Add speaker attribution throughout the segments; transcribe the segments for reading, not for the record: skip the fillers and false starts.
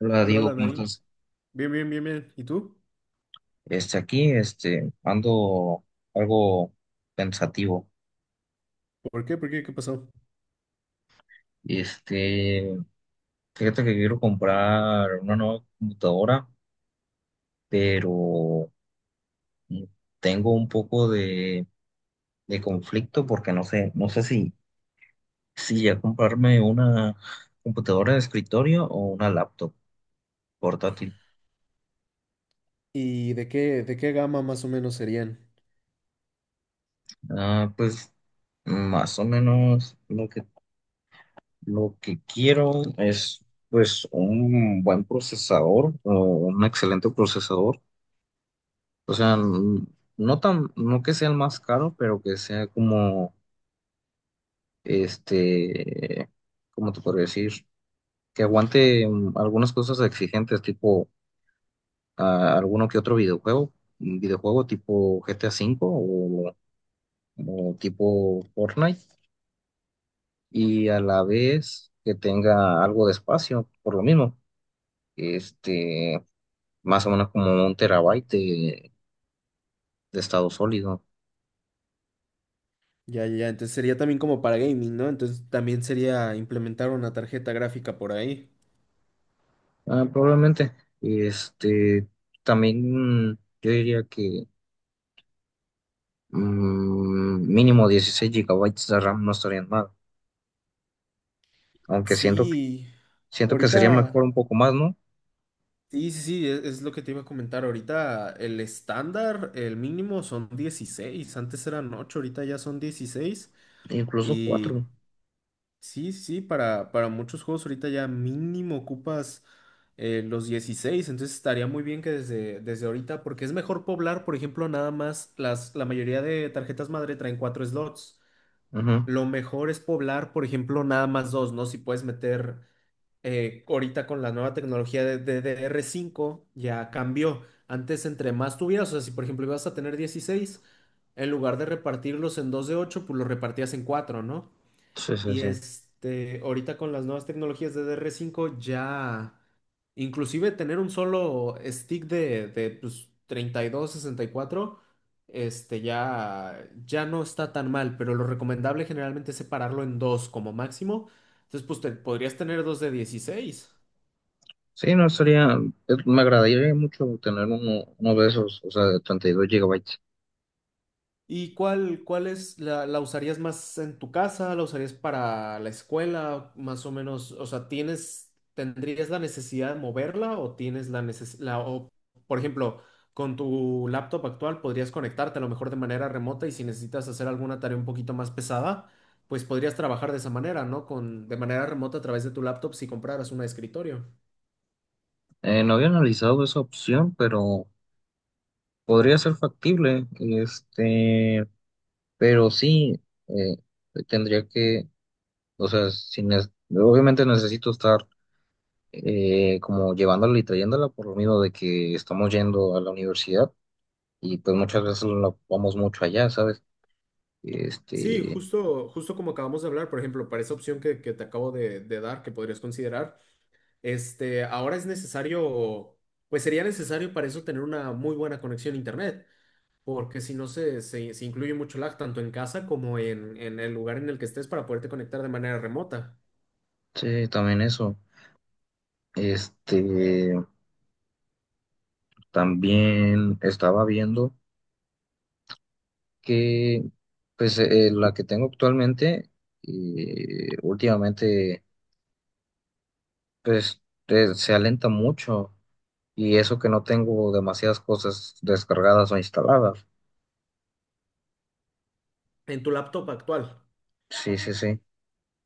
Speaker 1: Hola
Speaker 2: Hola,
Speaker 1: Diego,
Speaker 2: hola,
Speaker 1: ¿cómo
Speaker 2: Naim.
Speaker 1: estás?
Speaker 2: Bien, bien, bien, bien. ¿Y tú?
Speaker 1: Aquí, ando algo pensativo.
Speaker 2: ¿Por qué? ¿Por qué? ¿Qué pasó?
Speaker 1: Este, Fíjate que quiero comprar una nueva computadora, pero mm, tengo un poco de conflicto porque no sé si ya comprarme una computadora de escritorio o una laptop portátil.
Speaker 2: ¿Y de qué gama más o menos serían?
Speaker 1: Pues más o menos lo que quiero es, pues, un buen procesador o un excelente procesador. O sea, no tan, no que sea el más caro, pero que sea como, este, ¿cómo te podría decir? Que aguante algunas cosas exigentes, tipo alguno que otro videojuego, un videojuego tipo GTA V o tipo Fortnite, y a la vez que tenga algo de espacio, por lo mismo. Este. Más o menos como 1 TB de estado sólido.
Speaker 2: Ya, ya, ya. Entonces sería también como para gaming, ¿no? Entonces también sería implementar una tarjeta gráfica por ahí.
Speaker 1: Probablemente. Este, También yo diría que mínimo 16 GB de RAM no estarían mal, aunque siento,
Speaker 2: Sí,
Speaker 1: siento que sería mejor
Speaker 2: ahorita.
Speaker 1: un poco más, ¿no?
Speaker 2: Sí, sí, sí, es lo que te iba a comentar. Ahorita el estándar, el mínimo son 16. Antes eran ocho, ahorita ya son 16.
Speaker 1: Incluso
Speaker 2: Y
Speaker 1: cuatro.
Speaker 2: Sí, sí, para muchos juegos ahorita ya mínimo ocupas los 16, entonces estaría muy bien que desde ahorita, porque es mejor poblar, por ejemplo, nada más la mayoría de tarjetas madre traen cuatro slots.
Speaker 1: Ujú.
Speaker 2: Lo mejor es poblar, por ejemplo, nada más dos, ¿no? Si puedes meter ahorita con la nueva tecnología de DDR5, ya cambió. Antes, entre más tuvieras, o sea, si por ejemplo ibas a tener 16, en lugar de repartirlos en dos de ocho, pues los repartías en cuatro, ¿no?
Speaker 1: Sí, sí,
Speaker 2: Y
Speaker 1: sí.
Speaker 2: este, ahorita con las nuevas tecnologías de dr cinco ya, inclusive tener un solo stick de pues, 32, 64. Este, ya, ya no está tan mal, pero lo recomendable generalmente es separarlo en dos como máximo. Entonces, pues podrías tener dos de 16.
Speaker 1: Sí, no estaría, me agradaría mucho tener uno de esos, o sea, de 32 GB.
Speaker 2: ¿Y cuál es, la usarías más en tu casa? ¿La usarías para la escuela? Más o menos, o sea, tendrías la necesidad de moverla o tienes la necesidad, o por ejemplo, con tu laptop actual podrías conectarte a lo mejor de manera remota y si necesitas hacer alguna tarea un poquito más pesada, pues podrías trabajar de esa manera, ¿no? De manera remota a través de tu laptop si compraras una de escritorio.
Speaker 1: No había analizado esa opción, pero podría ser factible. Pero sí, eh, tendría que, o sea, si nes- obviamente necesito estar como llevándola y trayéndola por lo mismo de que estamos yendo a la universidad y pues muchas veces no vamos mucho allá, ¿sabes?
Speaker 2: Sí,
Speaker 1: Este,
Speaker 2: justo como acabamos de hablar, por ejemplo, para esa opción que te acabo de dar, que podrías considerar. Este, ahora es necesario, pues sería necesario para eso tener una muy buena conexión a internet, porque si no se incluye mucho lag tanto en casa como en el lugar en el que estés para poderte conectar de manera remota
Speaker 1: sí, también eso. Este, también estaba viendo que, pues, la que tengo actualmente, últimamente, pues, se alenta mucho. Y eso que no tengo demasiadas cosas descargadas o instaladas.
Speaker 2: en tu laptop actual.
Speaker 1: Sí, sí, sí.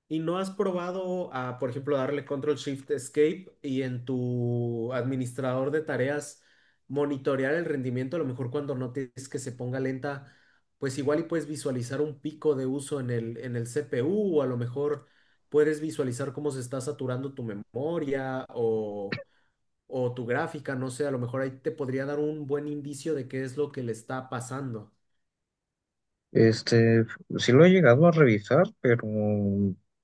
Speaker 2: ¿Y no has probado a, por ejemplo, darle Control Shift Escape y en tu administrador de tareas monitorear el rendimiento? A lo mejor cuando notes que se ponga lenta, pues igual y puedes visualizar un pico de uso en el CPU o a lo mejor puedes visualizar cómo se está saturando tu memoria o tu gráfica, no sé, a lo mejor ahí te podría dar un buen indicio de qué es lo que le está pasando.
Speaker 1: Este, sí lo he llegado a revisar, pero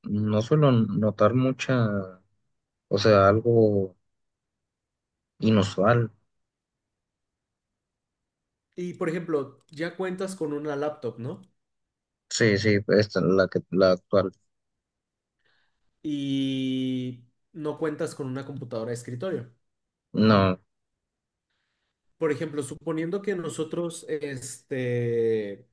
Speaker 1: no suelo notar mucha, o sea, algo inusual.
Speaker 2: Y, por ejemplo, ya cuentas con una laptop, ¿no?
Speaker 1: Sí, sí, esta, la que, la actual.
Speaker 2: Y no cuentas con una computadora de escritorio.
Speaker 1: No,
Speaker 2: Por ejemplo, suponiendo que nosotros, este,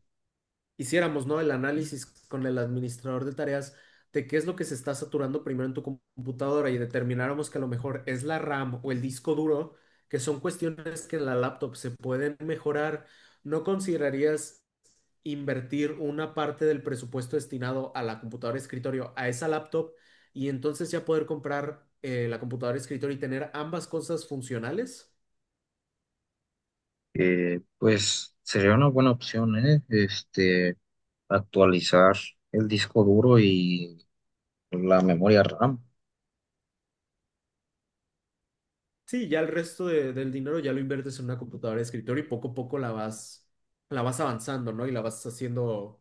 Speaker 2: hiciéramos, ¿no? El análisis con el administrador de tareas de qué es lo que se está saturando primero en tu computadora y determináramos que a lo mejor es la RAM o el disco duro, que son cuestiones que en la laptop se pueden mejorar, ¿no considerarías invertir una parte del presupuesto destinado a la computadora de escritorio, a esa laptop, y entonces ya poder comprar la computadora de escritorio y tener ambas cosas funcionales?
Speaker 1: pues sería una buena opción, ¿eh? Actualizar el disco duro y la memoria RAM.
Speaker 2: Sí, ya el resto del dinero ya lo inviertes en una computadora de escritorio y poco a poco la vas avanzando, ¿no? Y la vas haciendo,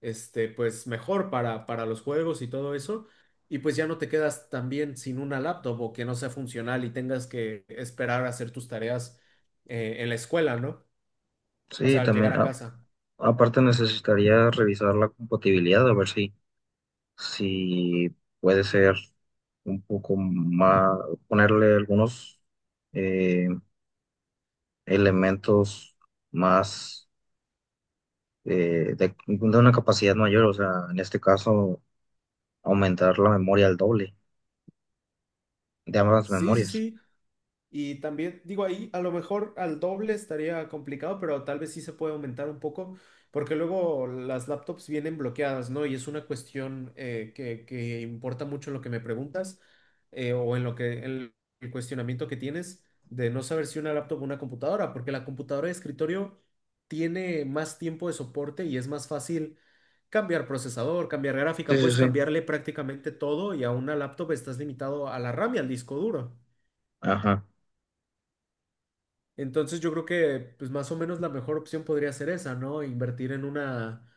Speaker 2: este, pues mejor para los juegos y todo eso. Y pues ya no te quedas también sin una laptop o que no sea funcional y tengas que esperar a hacer tus tareas en la escuela, ¿no? O sea,
Speaker 1: Sí,
Speaker 2: al llegar
Speaker 1: también,
Speaker 2: a casa.
Speaker 1: aparte necesitaría revisar la compatibilidad, a ver si si puede ser un poco más, ponerle algunos eh, elementos más de una capacidad mayor, o sea, en este caso, aumentar la memoria al doble de ambas
Speaker 2: Sí, sí,
Speaker 1: memorias.
Speaker 2: sí. Y también, digo, ahí a lo mejor al doble estaría complicado, pero tal vez sí se puede aumentar un poco, porque luego las laptops vienen bloqueadas, ¿no? Y es una cuestión que importa mucho en lo que me preguntas o en lo que en el cuestionamiento que tienes de no saber si una laptop o una computadora, porque la computadora de escritorio tiene más tiempo de soporte y es más fácil cambiar procesador, cambiar
Speaker 1: Sí,
Speaker 2: gráfica,
Speaker 1: sí,
Speaker 2: puedes
Speaker 1: sí.
Speaker 2: cambiarle prácticamente todo y a una laptop estás limitado a la RAM y al disco duro.
Speaker 1: Ajá.
Speaker 2: Entonces yo creo que pues más o menos la mejor opción podría ser esa, ¿no? Invertir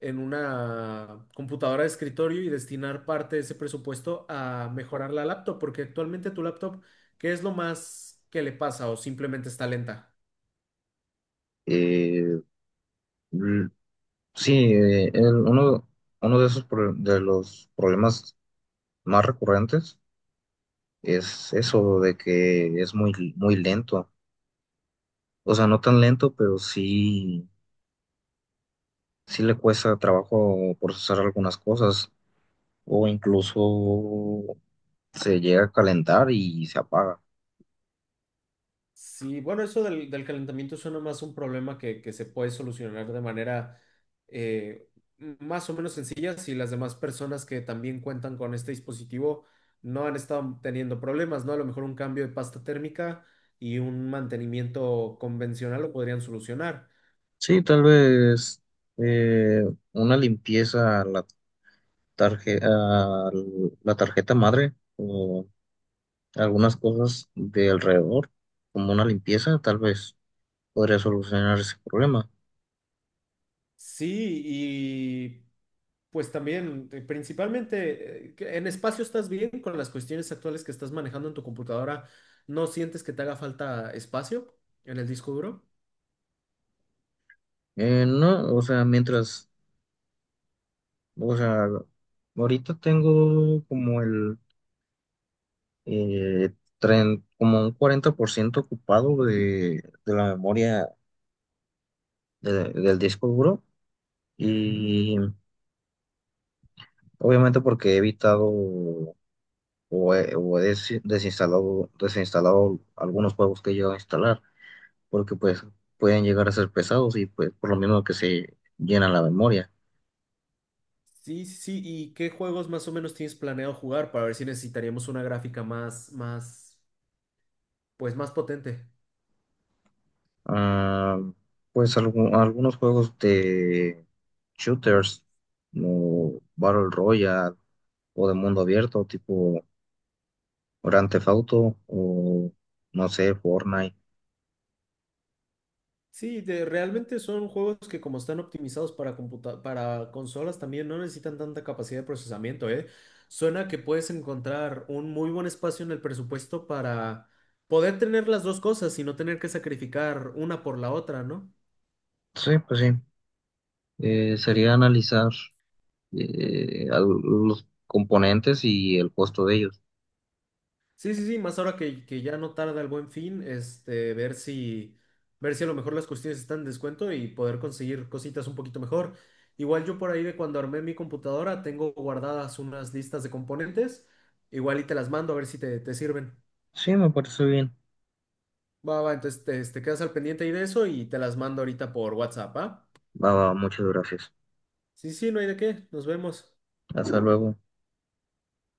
Speaker 2: en una computadora de escritorio y destinar parte de ese presupuesto a mejorar la laptop, porque actualmente tu laptop, ¿qué es lo más que le pasa o simplemente está lenta?
Speaker 1: Eh, l- sí, uno de los problemas más recurrentes es eso de que es muy, muy lento. O sea, no tan lento, pero sí le cuesta trabajo procesar algunas cosas o incluso se llega a calentar y se apaga.
Speaker 2: Sí, bueno, eso del calentamiento suena más un problema que se puede solucionar de manera eh, más o menos sencilla si las demás personas que también cuentan con este dispositivo no han estado teniendo problemas, ¿no? A lo mejor un cambio de pasta térmica y un mantenimiento convencional lo podrían solucionar.
Speaker 1: Sí, tal vez eh, una limpieza a la a la tarjeta madre o algunas cosas de alrededor, como una limpieza, tal vez podría solucionar ese problema.
Speaker 2: Sí, y pues también, principalmente, que en espacio estás bien con las cuestiones actuales que estás manejando en tu computadora, ¿no sientes que te haga falta espacio en el disco duro?
Speaker 1: No, o sea, mientras, o sea, ahorita tengo como eh, como un 40% ocupado de la memoria del disco duro
Speaker 2: Mm.
Speaker 1: y obviamente porque he evitado desinstalado algunos juegos que he llegado a instalar porque pues pueden llegar a ser pesados y pues por lo mismo que se llena la memoria.
Speaker 2: Sí, sí, sí. ¿Y qué juegos más o menos tienes planeado jugar para ver si necesitaríamos una gráfica pues más potente?
Speaker 1: Ah, pues algunos juegos de shooters como Battle Royale o de mundo abierto tipo Grand Theft Auto o no sé, Fortnite.
Speaker 2: Sí, realmente son juegos que como están optimizados para para consolas también no necesitan tanta capacidad de procesamiento, ¿eh? Suena que puedes encontrar un muy buen espacio en el presupuesto para poder tener las dos cosas y no tener que sacrificar una por la otra, ¿no?
Speaker 1: Sí, pues sí.
Speaker 2: Y,
Speaker 1: Sería analizar los componentes y el costo de ellos.
Speaker 2: Sí, sí, sí, más ahora que ya no tarda el Buen Fin, este, ver si a lo mejor las cuestiones están en descuento y poder conseguir cositas un poquito mejor. Igual yo por ahí de cuando armé mi computadora tengo guardadas unas listas de componentes, igual y te las mando a ver si te sirven.
Speaker 1: Sí, me parece bien.
Speaker 2: Va, va, entonces te quedas al pendiente ahí de eso y te las mando ahorita por WhatsApp, ¿ah?
Speaker 1: Va, va, muchas gracias.
Speaker 2: Sí, sí, no hay de qué, nos vemos.
Speaker 1: Hasta luego.